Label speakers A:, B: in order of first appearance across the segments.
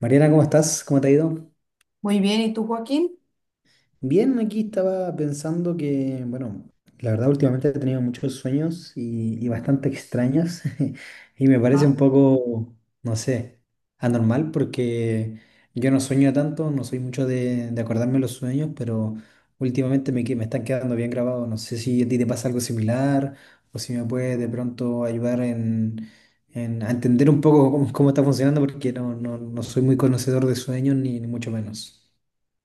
A: Mariana, ¿cómo estás? ¿Cómo te ha ido?
B: Muy bien, ¿y tú, Joaquín?
A: Bien, aquí estaba pensando que, bueno, la verdad últimamente he tenido muchos sueños y bastante extraños y me parece
B: Ah,
A: un poco, no sé, anormal porque yo no sueño tanto, no soy mucho de acordarme los sueños, pero últimamente me están quedando bien grabados. No sé si a ti te pasa algo similar o si me puedes de pronto ayudar a entender un poco cómo está funcionando porque no soy muy conocedor de sueños ni mucho menos.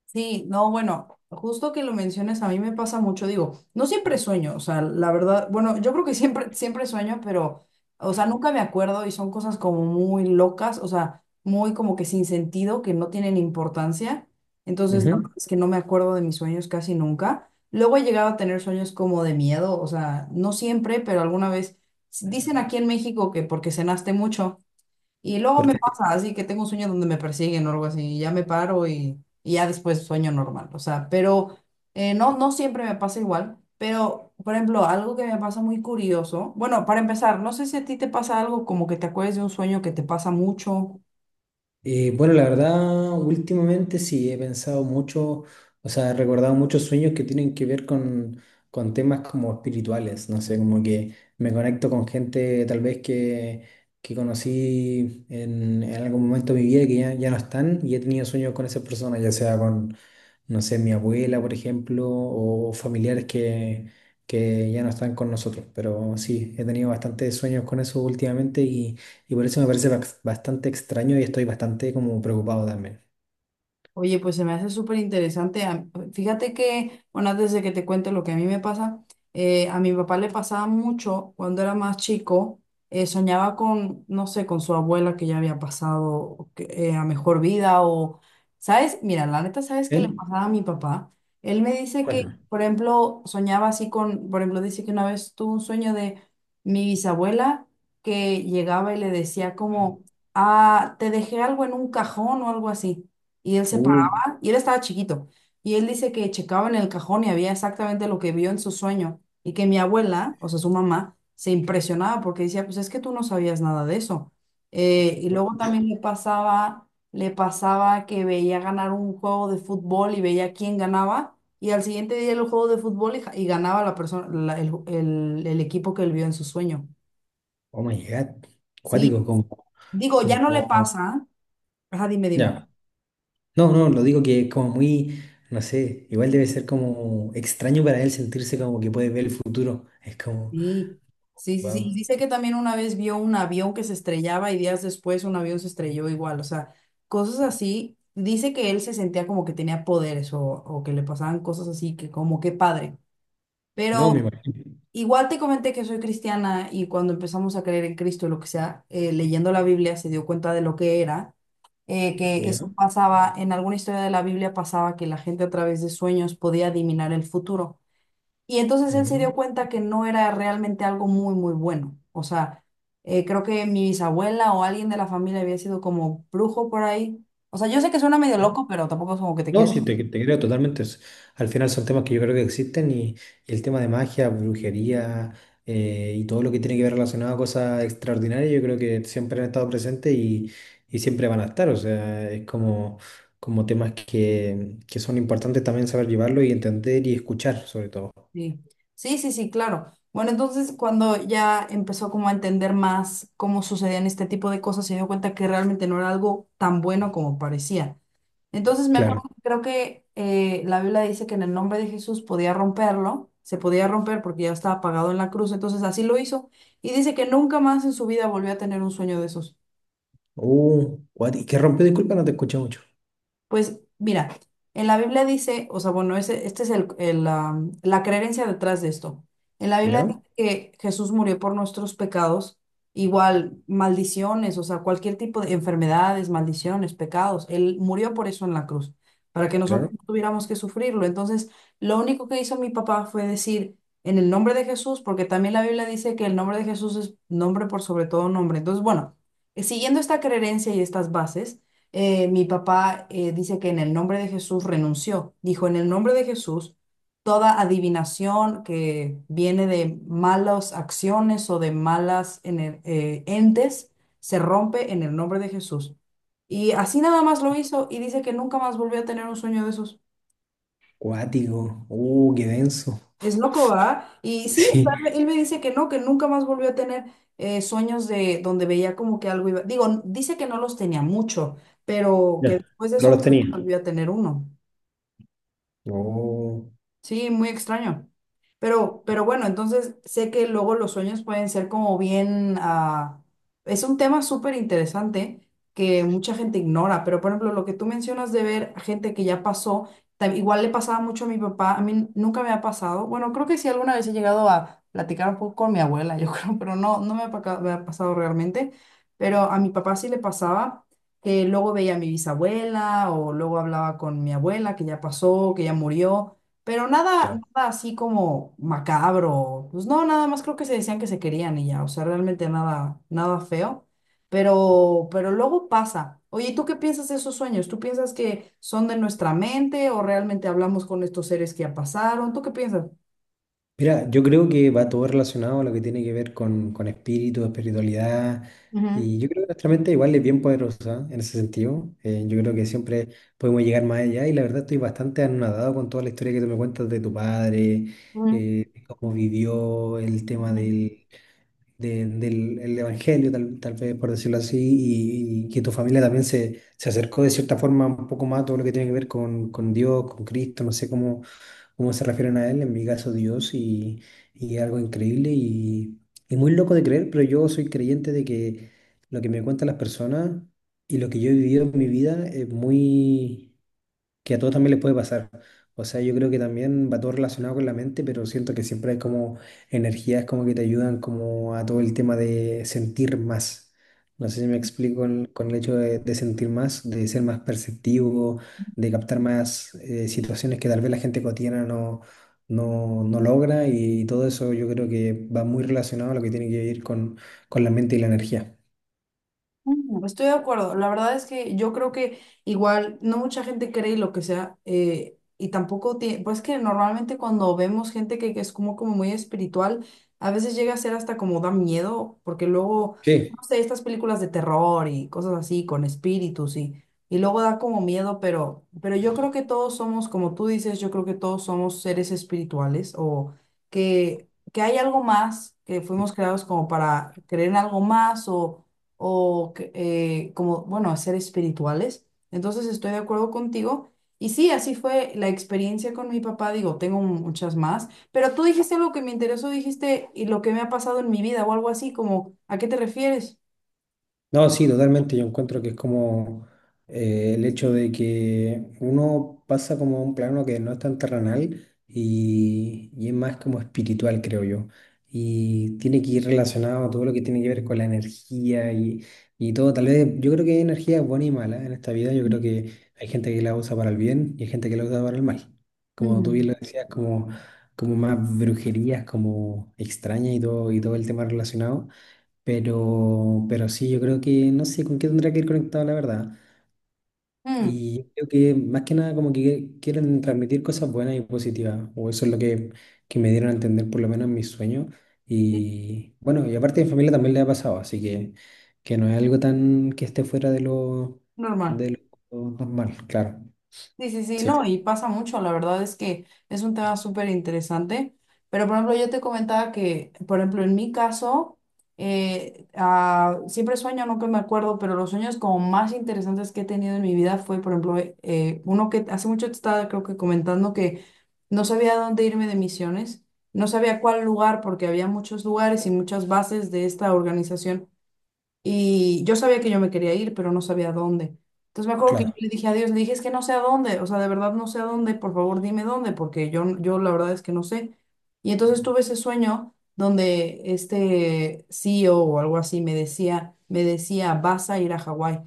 B: sí, no, bueno, justo que lo menciones, a mí me pasa mucho, digo, no siempre sueño, o sea, la verdad, bueno, yo creo que siempre sueño, pero, o sea, nunca me acuerdo y son cosas como muy locas, o sea, muy como que sin sentido, que no tienen importancia, entonces la
A: Ujú.
B: verdad es que no me acuerdo de mis sueños casi nunca. Luego he llegado a tener sueños como de miedo, o sea, no siempre, pero alguna vez, dicen aquí en México que porque cenaste mucho. Y luego me
A: Porque,
B: pasa así que tengo un sueño donde me persiguen o algo así, y ya me paro y ya después sueño normal. O sea, pero no, no siempre me pasa igual. Pero, por ejemplo, algo que me pasa muy curioso. Bueno, para empezar, no sé si a ti te pasa algo como que te acuerdes de un sueño que te pasa mucho.
A: bueno, la verdad, últimamente sí he pensado mucho, o sea, he recordado muchos sueños que tienen que ver con temas como espirituales, no sé, como que me conecto con gente tal vez que conocí en algún momento de mi vida que ya no están y he tenido sueños con esas personas, ya sea con, no sé, mi abuela, por ejemplo, o familiares que ya no están con nosotros. Pero sí, he tenido bastantes sueños con eso últimamente y por eso me parece bastante extraño y estoy bastante como preocupado también.
B: Oye, pues se me hace súper interesante. Fíjate que, bueno, antes de que te cuente lo que a mí me pasa, a mi papá le pasaba mucho cuando era más chico, soñaba con, no sé, con su abuela que ya había pasado a mejor vida o, ¿sabes? Mira, la neta, ¿sabes qué le
A: ¿Eh?
B: pasaba a mi papá? Él me dice
A: ¿Cuándo?
B: que, por ejemplo, soñaba así con, por ejemplo, dice que una vez tuvo un sueño de mi bisabuela que llegaba y le decía como, ah, te dejé algo en un cajón o algo así. Y él se
A: Uh,
B: paraba, y él estaba chiquito, y él dice que checaba en el cajón y había exactamente lo que vio en su sueño, y que mi abuela, o sea, su mamá, se impresionaba porque decía, pues es que tú no sabías nada de eso. Y luego también le pasaba que veía ganar un juego de fútbol y veía quién ganaba, y al siguiente día el juego de fútbol y ganaba la persona, el, el equipo que él vio en su sueño.
A: oh my God.
B: Sí,
A: Cuático. Como,
B: digo, ya no le
A: como,
B: pasa. Ajá, dime, dime.
A: ya. No, no, lo digo que es como muy, no sé, igual debe ser como extraño para él sentirse como que puede ver el futuro. Es como,
B: Sí, sí, sí, sí.
A: wow.
B: Y dice que también una vez vio un avión que se estrellaba y días después un avión se estrelló igual, o sea, cosas así. Dice que él se sentía como que tenía poderes o que le pasaban cosas así, que como que padre.
A: No, me
B: Pero
A: imagino.
B: igual te comenté que soy cristiana y cuando empezamos a creer en Cristo y lo que sea, leyendo la Biblia se dio cuenta de lo que era, que
A: ¿Ya?
B: eso pasaba, en alguna historia de la Biblia pasaba que la gente a través de sueños podía adivinar el futuro. Y entonces él se
A: Ujú.
B: dio cuenta que no era realmente algo muy bueno. O sea, creo que mi bisabuela o alguien de la familia había sido como brujo por ahí. O sea, yo sé que suena medio loco, pero tampoco es como que te
A: No,
B: quieres.
A: sí, te creo totalmente. Es... Al final son temas que yo creo que existen y el tema de magia, brujería, y todo lo que tiene que ver relacionado a cosas extraordinarias, yo creo que siempre han estado presentes y siempre van a estar. O sea, es como, como temas que son importantes también saber llevarlo y entender y escuchar, sobre todo.
B: Sí, sí, sí, sí, claro. Bueno, entonces cuando ya empezó como a entender más cómo sucedían este tipo de cosas, se dio cuenta que realmente no era algo tan bueno como parecía. Entonces me acuerdo,
A: Claro.
B: creo que la Biblia dice que en el nombre de Jesús podía romperlo, se podía romper porque ya estaba pagado en la cruz, entonces así lo hizo. Y dice que nunca más en su vida volvió a tener un sueño de esos.
A: What, ¿qué rompió? Disculpa, no te escuché mucho.
B: Pues mira, en la Biblia dice, o sea, bueno, ese, este es el, la creencia detrás de esto. En la Biblia
A: ¿Ya?
B: dice que Jesús murió por nuestros pecados, igual maldiciones, o sea, cualquier tipo de enfermedades, maldiciones, pecados. Él murió por eso en la cruz, para que nosotros
A: Claro.
B: no tuviéramos que sufrirlo. Entonces, lo único que hizo mi papá fue decir, en el nombre de Jesús, porque también la Biblia dice que el nombre de Jesús es nombre por sobre todo nombre. Entonces, bueno, siguiendo esta creencia y estas bases mi papá dice que en el nombre de Jesús renunció. Dijo, en el nombre de Jesús, toda adivinación que viene de malas acciones o de entes se rompe en el nombre de Jesús. Y así nada más lo hizo y dice que nunca más volvió a tener un sueño de esos.
A: Cuático. Qué denso.
B: Es loco, ¿verdad? Y sí, o sea,
A: Sí.
B: él me dice que no, que nunca más volvió a tener sueños de donde veía como que algo iba. Digo, dice que no los tenía mucho, pero que
A: Ya.
B: después de
A: No
B: eso
A: los
B: no
A: tenía.
B: volvió a tener uno.
A: No.
B: Sí, muy extraño. Pero bueno, entonces sé que luego los sueños pueden ser como bien... ah, es un tema súper interesante que mucha gente ignora, pero por ejemplo, lo que tú mencionas de ver a gente que ya pasó, igual le pasaba mucho a mi papá, a mí nunca me ha pasado. Bueno, creo que sí alguna vez he llegado a platicar un poco con mi abuela, yo creo, pero no, me ha pasado realmente. Pero a mi papá sí le pasaba que luego veía a mi bisabuela o luego hablaba con mi abuela que ya pasó, que ya murió. Pero nada, nada así como macabro. Pues no, nada más creo que se decían que se querían y ya. O sea, realmente nada, nada feo. Pero luego pasa. Oye, ¿y tú qué piensas de esos sueños? ¿Tú piensas que son de nuestra mente o realmente hablamos con estos seres que ya pasaron? ¿Tú qué piensas?
A: Mira, yo creo que va todo relacionado a lo que tiene que ver con espíritu, espiritualidad,
B: Ujú,
A: y yo creo que nuestra mente igual es bien poderosa en ese sentido. Yo creo que siempre podemos llegar más allá y la verdad estoy bastante anonadado con toda la historia que tú me cuentas de tu padre,
B: ujú.
A: eh, cómo vivió el tema del el evangelio, tal vez por decirlo así, y que tu familia también se acercó de cierta forma un poco más a todo lo que tiene que ver con Dios, con Cristo, no sé cómo se refieren a él, en mi caso Dios, y algo increíble y muy loco de creer, pero yo soy creyente de que lo que me cuentan las personas y lo que yo he vivido en mi vida es muy que a todos también les puede pasar. O sea, yo creo que también va todo relacionado con la mente, pero siento que siempre hay como energías como que te ayudan como a todo el tema de sentir más. No sé si me explico con el hecho de sentir más, de ser más perceptivo, de captar más, situaciones que tal vez la gente cotidiana no logra y, todo eso yo creo que va muy relacionado a lo que tiene que ver con la mente y la energía.
B: Estoy de acuerdo. La verdad es que yo creo que igual no mucha gente cree lo que sea y tampoco tiene, pues que normalmente cuando vemos gente que es como, como muy espiritual, a veces llega a ser hasta como da miedo, porque luego, no
A: Sí.
B: sé, estas películas de terror y cosas así con espíritus y luego da como miedo, pero yo creo que todos somos, como tú dices, yo creo que todos somos seres espirituales o que hay algo más, que fuimos creados como para creer en algo más o que, como, bueno, a ser espirituales. Entonces estoy de acuerdo contigo. Y sí, así fue la experiencia con mi papá. Digo, tengo muchas más, pero tú dijiste algo que me interesó, dijiste, y lo que me ha pasado en mi vida o algo así, como, ¿a qué te refieres?
A: No, sí, totalmente. Yo encuentro que es como, el hecho de que uno pasa como a un plano que no es tan terrenal y es más como espiritual, creo yo. Y tiene que ir relacionado a todo lo que tiene que ver con la energía y todo. Tal vez yo creo que hay energía buena y mala en esta vida. Yo creo que hay gente que la usa para el bien y hay gente que la usa para el mal. Como tú
B: Mm.
A: bien lo decías, como, como más brujerías, como extrañas y todo el tema relacionado. Pero sí, yo creo que no sé con qué tendría que ir conectado, la verdad.
B: Mm,
A: Y yo creo que más que nada como que quieren transmitir cosas buenas y positivas, o eso es lo que me dieron a entender por lo menos en mis sueños.
B: sí,
A: Y bueno, y aparte mi familia también le ha pasado, así que no es algo tan que esté fuera
B: normal.
A: de lo normal, claro.
B: Sí, sí, sí,
A: Sí,
B: no, y pasa mucho, la verdad es que es un tema súper interesante, pero por ejemplo yo te comentaba que, por ejemplo, en mi caso, siempre sueño, no que me acuerdo, pero los sueños como más interesantes que he tenido en mi vida fue, por ejemplo, uno que hace mucho te estaba creo que comentando que no sabía a dónde irme de misiones, no sabía cuál lugar porque había muchos lugares y muchas bases de esta organización y yo sabía que yo me quería ir, pero no sabía a dónde. Entonces me acuerdo que yo
A: claro.
B: le dije a Dios, le dije, es que no sé a dónde, o sea, de verdad no sé a dónde, por favor dime dónde, porque yo la verdad es que no sé. Y entonces tuve ese sueño donde este CEO o algo así me decía, vas a ir a Hawái.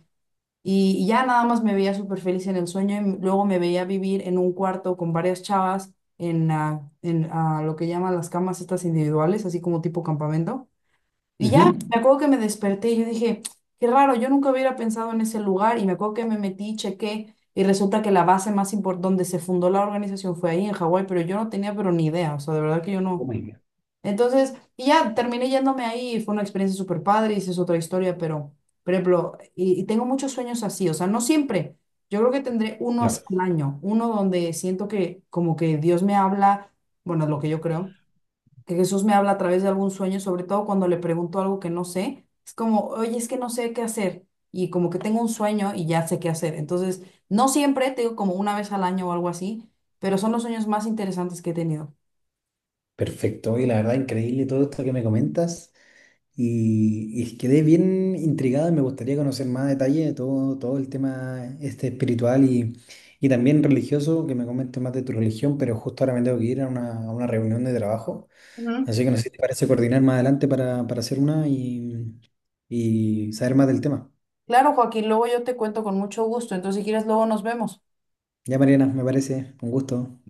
B: Y ya nada más me veía súper feliz en el sueño y luego me veía vivir en un cuarto con varias chavas en, lo que llaman las camas estas individuales, así como tipo campamento. Y ya,
A: Ujú.
B: me acuerdo que me desperté y yo dije, qué raro, yo nunca hubiera pensado en ese lugar. Y me acuerdo que me metí, chequé, y resulta que la base más importante, donde se fundó la organización fue ahí en Hawái, pero yo no tenía pero ni idea, o sea, de verdad que yo
A: Oh
B: no.
A: my God.
B: Entonces, y ya, terminé yéndome ahí y fue una experiencia súper padre y esa es otra historia, pero, por ejemplo, y tengo muchos sueños así, o sea, no siempre. Yo creo que tendré uno
A: Ya.
B: así al año, uno donde siento que como que Dios me habla, bueno, es lo que yo creo que Jesús me habla a través de algún sueño, sobre todo cuando le pregunto algo que no sé, es como, oye, es que no sé qué hacer, y como que tengo un sueño y ya sé qué hacer. Entonces, no siempre, te digo como una vez al año o algo así, pero son los sueños más interesantes que he tenido.
A: Perfecto, y la verdad increíble todo esto que me comentas. Y quedé bien intrigado y me gustaría conocer más detalle de todo, todo el tema este espiritual y también religioso, que me comentes más de tu religión, pero justo ahora me tengo que ir a una reunión de trabajo.
B: Ujú.
A: Así que no sé si te parece coordinar más adelante para hacer una y saber más del tema.
B: Claro, Joaquín, luego yo te cuento con mucho gusto, entonces si quieres, luego nos vemos.
A: Ya, Mariana, me parece un gusto.